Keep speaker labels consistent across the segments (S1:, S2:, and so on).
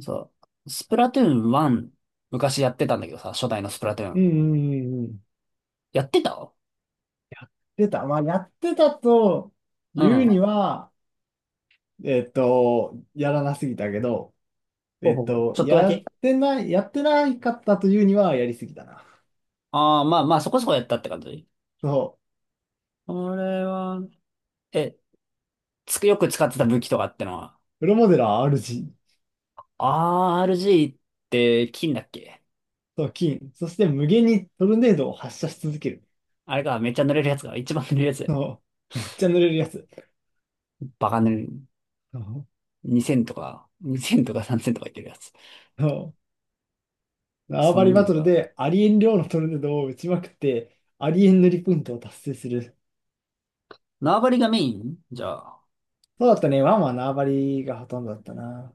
S1: そう。スプラトゥーン1、昔やってたんだけどさ、初代のスプラトゥー
S2: う
S1: ン。
S2: んうんうんうん。
S1: やってた。
S2: 出た。まあ、やってたと
S1: う
S2: 言う
S1: ん。
S2: には、やらなすぎたけど、
S1: ほうほうほう。ちょっとだけ。
S2: やってないかったと言うには、やりすぎたな。
S1: ああー、まあまあ、そこそこやったって感じ。
S2: そう。
S1: これは、え、つく、よく使ってた武器とかってのは、
S2: プロモデラー RG
S1: RG って金だっけ。
S2: と金、そして無限にトルネードを発射し続ける。
S1: あれか、めっちゃ塗れるやつが、一番塗れるやつ。
S2: そう。めっちゃ濡れるやつ。
S1: バカ塗れる。
S2: そう。
S1: 2000とか、2000とか3000とかいってるやつ。
S2: そう縄
S1: そ
S2: 張
S1: のイ
S2: り
S1: メ
S2: バ
S1: ージ
S2: トル
S1: は。
S2: でありえん量のトルネードを打ちまくって、ありえん塗りポイントを達成する。
S1: 縄張りがメインじゃあ、
S2: そうだったね。ワンは縄張りがほとんどだったな。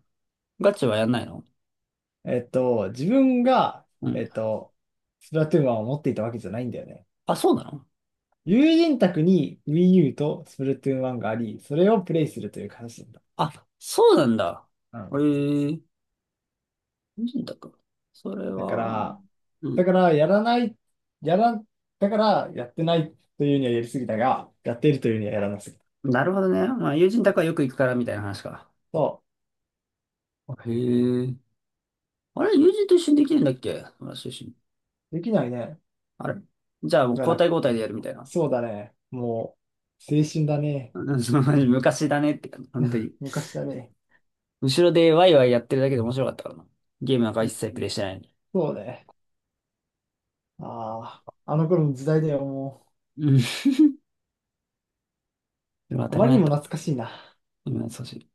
S1: ガチはやんないの。
S2: 自分が、
S1: う
S2: え
S1: ん。
S2: っと、スプラトゥーン1を持っていたわけじゃないんだよね。
S1: あ、そうなの。
S2: 友人宅に Wii U とスプラトゥーン1があり、それをプレイするという形なんだ。
S1: あ、そうなんだ。
S2: う
S1: え
S2: ん。
S1: え友人宅。それ
S2: だか
S1: は、
S2: ら、
S1: う
S2: だ
S1: ん。
S2: から、やらない、やら、だから、やってないというにはやりすぎたが、やっているというにはやらなすぎた。
S1: なるほどね。まあ、友人宅はよく行くからみたいな話か。
S2: そ
S1: あへえ。あれ、友人と一緒にできるんだっけ。友達と一緒に。
S2: う。できないね。
S1: あれ、じゃあもう
S2: だか
S1: 交代
S2: ら、
S1: 交代でやるみたいな。
S2: そうだね。もう、青春だ ね。
S1: うん。マジ昔だねって感じ、
S2: う
S1: 本当
S2: ん
S1: に。
S2: 昔だね。
S1: 後ろでワイワイやってるだけで面白かったからな。ゲームなんか
S2: う
S1: 一
S2: ん
S1: 切プレイしてないのに。
S2: そうね。ああ、あの頃の時代だよ、も
S1: うん。でも当
S2: う。あ
S1: たり
S2: まり
S1: 前
S2: に
S1: だっ
S2: も懐
S1: た。
S2: かしいな。
S1: 今優しい。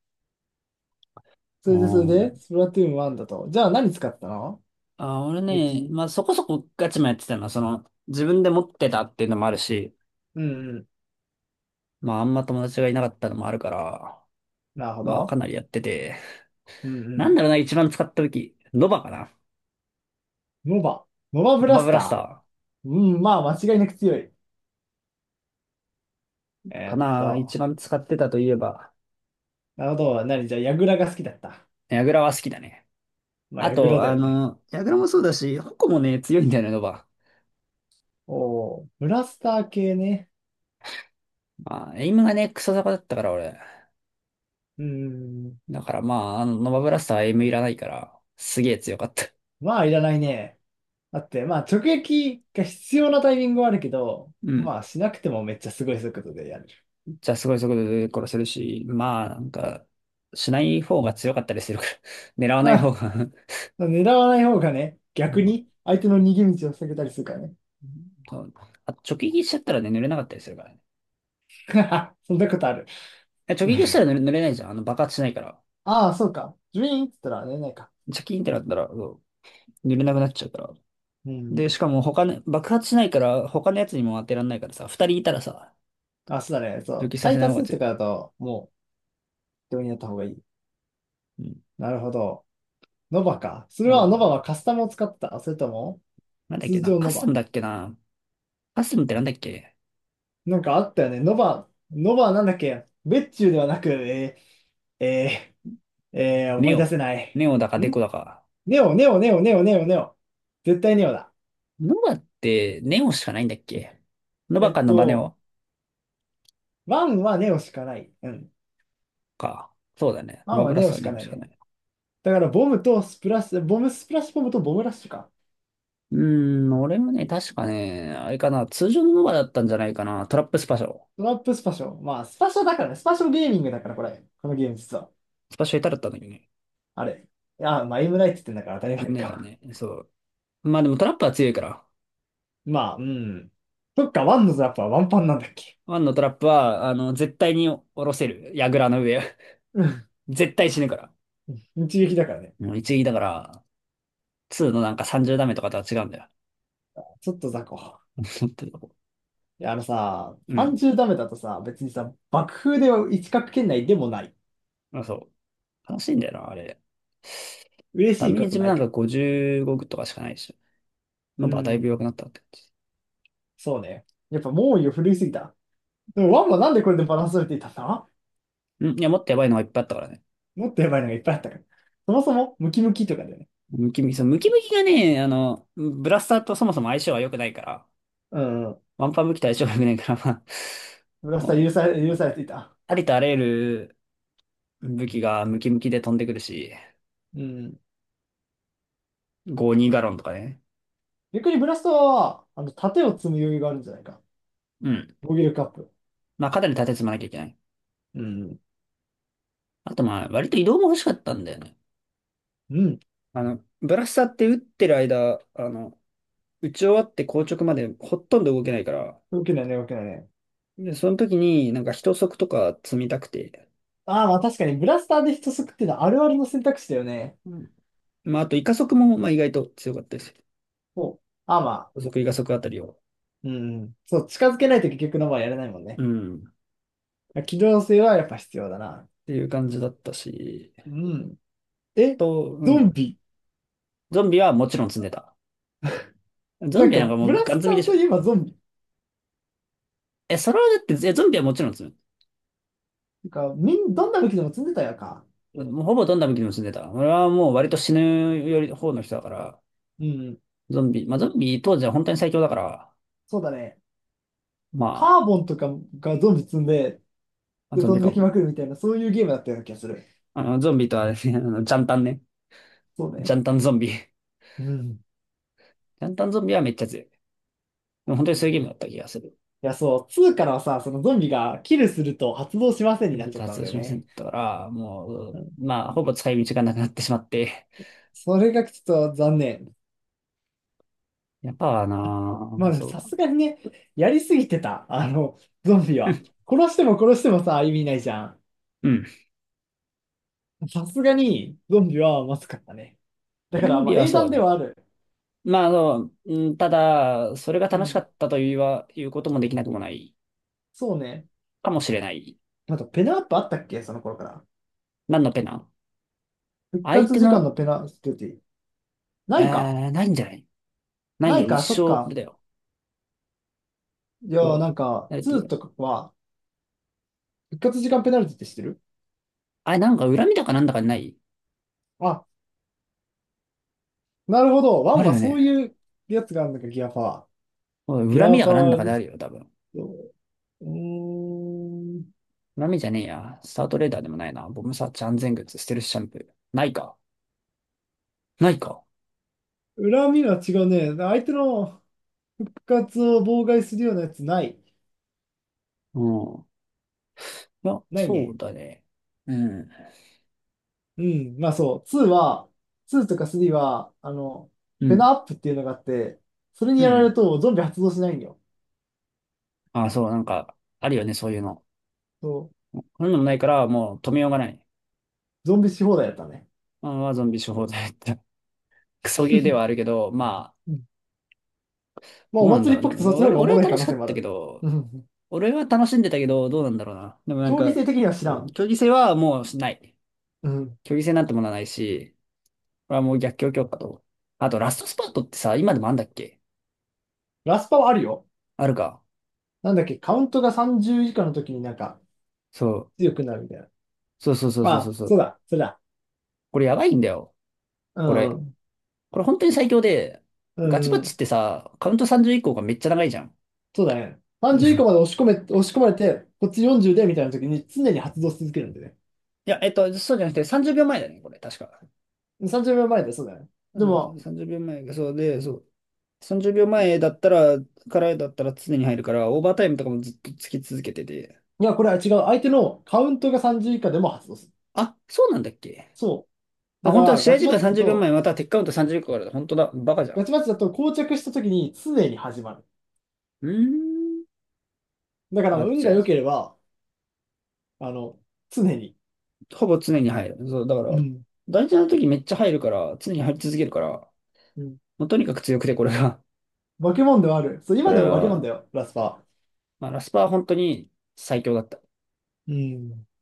S1: あ
S2: それで、
S1: ー、
S2: スプラトゥーン1だと。じゃあ何使ったの？
S1: あ、俺
S2: 武
S1: ね、
S2: 器。
S1: まあそこそこガチもやってたのは、自分で持ってたっていうのもあるし、
S2: うんうん。
S1: まああんま友達がいなかったのもあるから、
S2: なるほ
S1: まあ、か
S2: ど。
S1: なりやってて。
S2: うんう
S1: なん
S2: ん。
S1: だろうな、一番使った時。ノバかな。
S2: ノバ。ノバブ
S1: ノ
S2: ラ
S1: バ
S2: ス
S1: ブラスタ
S2: タ
S1: ー
S2: ー。うん、まあ間違いなく強い。え
S1: か
S2: ーっ
S1: な、一
S2: と、
S1: 番使ってたといえば。
S2: なるほど。何じゃあ、ヤグラが好きだった？
S1: ヤグラは好きだね。
S2: まあ、
S1: あ
S2: ヤグラ
S1: と、
S2: だよね。
S1: ヤグラもそうだし、ホコもね、強いんだよね、ノバ。
S2: おお、ブラスター系ね。
S1: まあ、エイムがね、クソ坂だったから、俺。
S2: うん。
S1: だからまあ、ノバブラスターはエイムいらないから、すげえ強かった。
S2: まあ、いらないね。だって、まあ、直撃が必要なタイミングはあるけど、
S1: うん。
S2: まあ、しなくてもめっちゃすごい速度でやれる。
S1: じゃあ、すごい速度で殺せるし、まあ、なんか、しない方が強かったりするから、狙わない方
S2: あ、
S1: が
S2: 狙わない方がね、
S1: う
S2: 逆
S1: ん。
S2: に相手の逃げ道を避けたりするからね。
S1: あ、直撃しちゃったらね、濡れなかったりするからね。
S2: そんなことある？
S1: いや直撃したら濡れないじゃん。爆発しないから。
S2: ああ、そうか。ジュイーンって言ったら寝れないか。
S1: チャキーンってなったら、そう、濡れなくなっちゃうから。
S2: う
S1: で、
S2: ん。
S1: しかも他の、爆発しないから、他のやつにも当てらんないからさ、二人いたらさ、
S2: あ、そうだね。そ
S1: 直
S2: う。
S1: 撃さ
S2: タ
S1: せ
S2: イ
S1: ない
S2: タ
S1: 方が
S2: ス
S1: 強
S2: と
S1: い。
S2: かだと、もう、病院やった方がいい。
S1: うん。
S2: なるほど。ノバか。それ
S1: まあま
S2: は、
S1: あ
S2: ノ
S1: まあ
S2: バ
S1: な。
S2: はカスタムを使ってた。それとも、
S1: なんだっけ
S2: 通
S1: な。
S2: 常
S1: カ
S2: ノ
S1: スタム
S2: バ。
S1: だっけな。カスタムってなんだっけ。
S2: なんかあったよね。ノバはなんだっけ。別注ではなく、ー、え思
S1: ネ
S2: い出
S1: オ。
S2: せない。
S1: ネオだかデコ
S2: ん
S1: だか。
S2: ネオ、ネオ、ネオ、ネオ、ネオ、ネオ。絶対ネオだ。
S1: ノバって、ネオしかないんだっけ。ノ
S2: え
S1: バ
S2: っ
S1: かノバネ
S2: と、
S1: オ
S2: ワンはネオしかない。うん。
S1: か。そうだね。
S2: ワ
S1: ノ
S2: ン
S1: バ
S2: は
S1: ブラ
S2: ネオ
S1: スは
S2: し
S1: ネ
S2: か
S1: オ
S2: な
S1: し
S2: い
S1: か
S2: ね。
S1: ない。
S2: だからボムとスプラッシュ、ボムスプラッシュボムとボムラッシュか。
S1: うーん、俺もね、確かね、あれかな、通常のノバだったんじゃないかな。トラップスパシャを。
S2: トラップスパショ。まあ、スパショだからね。スパショゲーミングだから、これ。このゲーム実は。
S1: スパシャいただったんだけどね。
S2: あれ。いや、まあ、エムライって言ってんだから当たり前
S1: 胸が
S2: か。
S1: ね、そう。まあでもトラップは強いから。
S2: まあ、うん。そっか、ワンのザップはワンパンなんだっけ？
S1: ワンのトラップは、絶対に下ろせる。矢倉の上。
S2: うん。
S1: 絶対死ぬから。
S2: 一撃だからね。
S1: もう一撃だから、ツーのなんか30ダメとかとは違うんだよ。
S2: ちょっと雑魚。
S1: 本当に。
S2: いや、あのさ、
S1: うん。
S2: 30ダメだとさ、別にさ、爆風では一角圏内でもない。
S1: まあ、そう。悲しいんだよな、あれ。
S2: 嬉
S1: ダ
S2: しい
S1: メ
S2: こ
S1: ー
S2: と
S1: ジも
S2: な
S1: な
S2: い
S1: ん
S2: か
S1: か55とかしかないでしょ。
S2: ら。
S1: ノ
S2: うー
S1: バはだいぶ弱く
S2: ん。
S1: なったって感じ。
S2: そうね。やっぱ猛威を振るいすぎた。でもワンはなんでこれでバランス取れていたんだ？
S1: うん。いや、もっとやばいのがいっぱいあったからね。
S2: もっとやばいのがいっぱいあったから。そもそもムキムキとかだよね。
S1: ムキム
S2: な
S1: キ、
S2: ん
S1: そう
S2: か、
S1: ムキムキがね、ブラスターとそもそも相性が良くないから、
S2: うんうん。
S1: ワンパン武器と相性が良くないから、ま
S2: ブラ
S1: あ、
S2: ス
S1: も
S2: タ
S1: う
S2: ー
S1: ね、
S2: 許されていた。
S1: ありとあらゆる武器がムキムキで飛んでくるし、
S2: うん。
S1: 52ガロンとかね。
S2: 逆にブラスターは、あの、盾を積む余裕があるんじゃないか。
S1: うん。
S2: 防御力アップ。
S1: まあ、肩に立て積まなきゃいけない。
S2: うん。
S1: あと、まあ、割と移動も欲しかったんだよね。
S2: うん。
S1: ブラスターって打ってる間、打ち終わって硬直までほとんど動けないから、
S2: 動けないね、動けないね。
S1: で、その時になんか一足とか積みたくて。
S2: ああ、まあ確かに、ブラスターで人削っていうのはあるあるの選択肢だよね。
S1: うん。まあ、あと、イカ足も、まあ、意外と強かったですよ。
S2: そう。ああ、ま
S1: 補
S2: あ。
S1: 足イカ足あたりを。
S2: うん。そう、近づけないと結局の場合やれないもん
S1: う
S2: ね。
S1: ん。っ
S2: 機動性はやっぱ必要だな。
S1: ていう感じだったし、
S2: うん。え、
S1: う
S2: ゾ
S1: ん。
S2: ンビ。
S1: ゾンビはもちろん積んでた。ゾ
S2: な
S1: ン
S2: ん
S1: ビなん
S2: か、
S1: かも
S2: ブ
S1: う
S2: ラ
S1: ガン
S2: ス
S1: 積
S2: タ
S1: みで
S2: ー
S1: し
S2: とい
S1: ょ。
S2: えばゾンビ。
S1: え、それはだって、ゾンビはもちろん積む。
S2: なんか、どんな武器でも積んでたやんか。
S1: もうほぼどんな時にも住んでたね。俺はもう割と死ぬより方の人だから、
S2: うん
S1: ゾンビ、まあゾンビ当時は本当に最強だから、
S2: そうだね。
S1: ま
S2: カーボンとかがゾンビ積んで、
S1: あ、
S2: で
S1: ゾン
S2: 飛
S1: ビ
S2: ん
S1: か
S2: でき
S1: も。
S2: まくるみたいな、そういうゲームだったような気がする。
S1: ゾンビとあれね、ジャンタンね。
S2: そう
S1: ジャ
S2: ね。
S1: ンタンゾンビ。ジ
S2: うん。
S1: ャンタンゾンビはめっちゃ強い。でも本当にそういうゲームだった気がする。
S2: いや、そう、2からはさ、そのゾンビがキルすると発動しませんになっちゃ
S1: 多
S2: った
S1: 発
S2: ん
S1: 動
S2: だよ
S1: しませんだ
S2: ね。
S1: ったから、も
S2: う
S1: う、
S2: ん、
S1: まあ、ほぼ使い道がなくなってしまって。
S2: それがちょっと残念。
S1: やっぱな。
S2: まあ
S1: あ、
S2: でも
S1: そう
S2: さ
S1: だ。
S2: すがにね、やりすぎてた、あの、ゾンビは。殺しても殺してもさ、意味ないじゃん。
S1: うん。
S2: さすがに、ゾンビはまずかったね。だ
S1: ゾ
S2: から、
S1: ン
S2: まあ、
S1: ビは
S2: 英
S1: そう
S2: 断では
S1: ね。
S2: ある。
S1: まあ、うん、ただ、それが
S2: う
S1: 楽しか
S2: ん。
S1: ったというは、いうこともできなくもない
S2: そうね。
S1: かもしれない。
S2: あと、ペナアップあったっけその頃から。
S1: 何のペナ？
S2: 復
S1: 相
S2: 活
S1: 手
S2: 時間
S1: の、
S2: のペナルティ。ないか。
S1: ないんじゃない？ない
S2: ない
S1: よ、一
S2: か、そっ
S1: 生、これ
S2: か。
S1: だよ。
S2: いや
S1: そ
S2: ー、
S1: う。
S2: なんか、
S1: 誰ってい
S2: 2
S1: う。
S2: とかは、復活時間ペナルティって知ってる？
S1: あ、なんか恨みだかなんだかない？
S2: あ、なるほど。
S1: あ
S2: 1
S1: る
S2: は
S1: よ
S2: そう
S1: ね。
S2: いうやつがあるのか、ギアパワー。
S1: おい
S2: ギ
S1: 恨み
S2: ア
S1: だ
S2: パ
S1: かなんだ
S2: ワー
S1: かで
S2: リ
S1: あ
S2: ス
S1: るよ、多分。
S2: ト。うーん。
S1: 恨みじゃねえや。スタートレーダーでもないな。ボムサーチ安全靴、ステルスシャンプー。ないか。ないか。
S2: 恨みは違うね。相手の復活を妨害するようなやつない？
S1: うん。いや、
S2: ない
S1: そう
S2: ね。
S1: だね。うん。
S2: うん。まあそう。2は、2とか3は、あの、
S1: う
S2: フェ
S1: ん。
S2: ナアップっていうのがあって、それに
S1: う
S2: やられる
S1: ん。
S2: とゾンビ発動しないんよ。
S1: あ、そう、なんか、あるよね、そういうの。
S2: そう。
S1: そういうのもないから、もう止めようがない。
S2: ゾンビし放題やったね。
S1: あ、まあ、ゾンビ処方剤って。クソゲーではある けど、まあ、
S2: まあ、
S1: ど
S2: お
S1: うなんだ
S2: 祭り
S1: ろう。
S2: っ
S1: で
S2: ぽくてそっ
S1: も、
S2: ちの方
S1: 俺、
S2: がお
S1: 俺
S2: も
S1: は
S2: ろい
S1: 楽
S2: 可
S1: し
S2: 能
S1: か
S2: 性
S1: っ
S2: もあ
S1: たけ
S2: る。
S1: ど、
S2: うん。
S1: 俺は楽しんでたけど、どうなんだろうな。でもなん
S2: 競技
S1: か、
S2: 性的には知ら
S1: そう、
S2: ん。
S1: 競技性はもうしない。
S2: うん。
S1: 競技性なんてものはないし、これはもう逆境強化と。あと、ラストスパートってさ、今でもあんだっけ。
S2: ラスパはあるよ。
S1: あるか。
S2: なんだっけ、カウントが30以下の時になんか
S1: そう。
S2: 強くなるみたいな。
S1: そうそうそう
S2: ま
S1: そう
S2: あ
S1: そ
S2: あ、
S1: うそ
S2: そう
S1: う。
S2: だ、それだ。
S1: これやばいんだよ。
S2: う
S1: こ
S2: ん。う
S1: れ。
S2: ん。
S1: これ本当に最強で、
S2: う
S1: ガチバッ
S2: んう
S1: チっ
S2: ん
S1: てさ、カウント30以降がめっちゃ長いじゃん。
S2: そうだね。
S1: う
S2: 30以下
S1: ん。
S2: まで押し込まれて、こっち40でみたいな時に常に発動し続けるんでね。
S1: いや、そうじゃなくて30秒前だね、これ、確か。
S2: 30秒前で、そうだね。で
S1: そうそ
S2: も、
S1: う、30秒前、そうで、そう。30秒前だったら、からだったら常に入るから、オーバータイムとかもずっとつき続けてて、
S2: いや、これは違う。相手のカウントが30以下でも発動する。
S1: あ、そうなんだっけ。
S2: そう。
S1: あ、
S2: だか
S1: 本当は
S2: ら、
S1: 試
S2: ガ
S1: 合
S2: チ
S1: 時
S2: マッ
S1: 間
S2: チだ
S1: 30秒
S2: と、
S1: 前、またはテックカウント30秒からだ。本当だ。バカじゃん。
S2: ガチマッチだと、膠着した時に常に始まる。
S1: うーん。
S2: だから、
S1: あ、
S2: 運
S1: じ
S2: が
S1: ゃあ、
S2: 良ければ、あの、常に。
S1: ほぼ常に入る。そう、だか
S2: う
S1: ら、
S2: ん。
S1: 大事な時めっちゃ入るから、常に入り続けるから、
S2: うん。
S1: もうとにかく強くて、これが。
S2: 化け物ではある。そう、
S1: こ
S2: 今で
S1: れ
S2: も化け物
S1: は、
S2: だよ、ラスパ
S1: まあ、ラスパは本当に最強だった。
S2: ー。うん。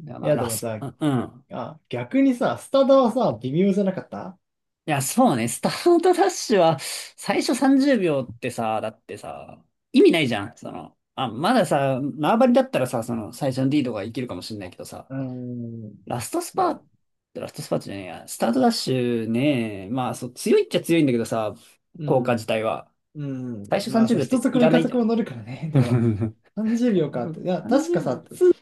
S1: いや、
S2: い
S1: まあ、
S2: や、で
S1: ラ
S2: も
S1: ス
S2: さ、
S1: パ、うん。うん。
S2: あ、逆にさ、スタダはさ、微妙じゃなかった？
S1: いや、そうね。スタートダッシュは、最初30秒ってさ、だってさ、意味ないじゃん。あ、まださ、縄張りだったらさ、最初の D ーかがいけるかもしれないけどさ、
S2: うん。
S1: ラストス
S2: い
S1: パ
S2: や、
S1: ー、ラストスパートじゃねえや、スタートダッシュね、まあそう、強いっちゃ強いんだけどさ、
S2: う
S1: 効果
S2: ん。
S1: 自体は。
S2: う
S1: 最
S2: ん。
S1: 初
S2: まあ、
S1: 30
S2: そう、
S1: 秒っ
S2: 一
S1: て
S2: 足
S1: い
S2: も
S1: ら
S2: 二
S1: ないじ
S2: 足
S1: ゃん。
S2: も乗るからね。でも、30秒かって。いや、確
S1: 30
S2: か
S1: 秒
S2: さ、
S1: と。
S2: 2、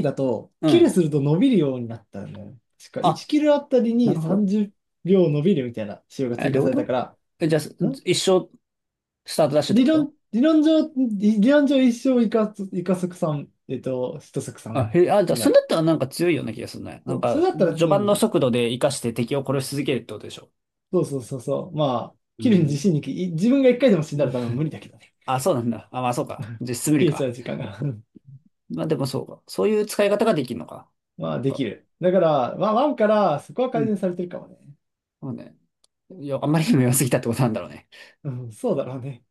S2: 3だと、
S1: う
S2: キ
S1: ん。
S2: ルすると伸びるようになったよね。確か、1
S1: あ、
S2: キルあたり
S1: な
S2: に
S1: るほど。
S2: 30秒伸びるみたいな仕様が
S1: え、
S2: 追加
S1: どうい
S2: さ
S1: うこ
S2: れた
S1: と？
S2: か
S1: え、じゃあ、
S2: ら、ん
S1: 一生スタートダッシュってこ
S2: 理論上一生イカ足さん、シト足さ
S1: と？あ、
S2: ん
S1: へ、あ、じゃあ、
S2: に
S1: そ
S2: な
S1: れ
S2: る。
S1: だったらなんか強いような気がするね。な
S2: そ
S1: ん
S2: う、そ
S1: か、
S2: れだったら
S1: 序
S2: 強いん
S1: 盤
S2: だ
S1: の
S2: よ。
S1: 速度で活かして敵を殺し続けるってことでしょ。
S2: そうそうそうそう。まあ、
S1: う
S2: 切るに自
S1: ん。
S2: 信にい自分が1回でも死んだら多分無理だけどね。
S1: あ、そうなんだ。あ、まあそうか。実質無 理
S2: 切れち
S1: か。
S2: ゃう時間が。
S1: まあでもそうか。そういう使い方ができるのか。な
S2: ま
S1: ん
S2: あ、で
S1: か、
S2: きる。だから、まあ、ワンからそこは
S1: う
S2: 改善
S1: ん。
S2: されてるかもね。
S1: そうね。いや、あんまりにも良すぎたってことなんだろうね。
S2: うん、そうだろうね。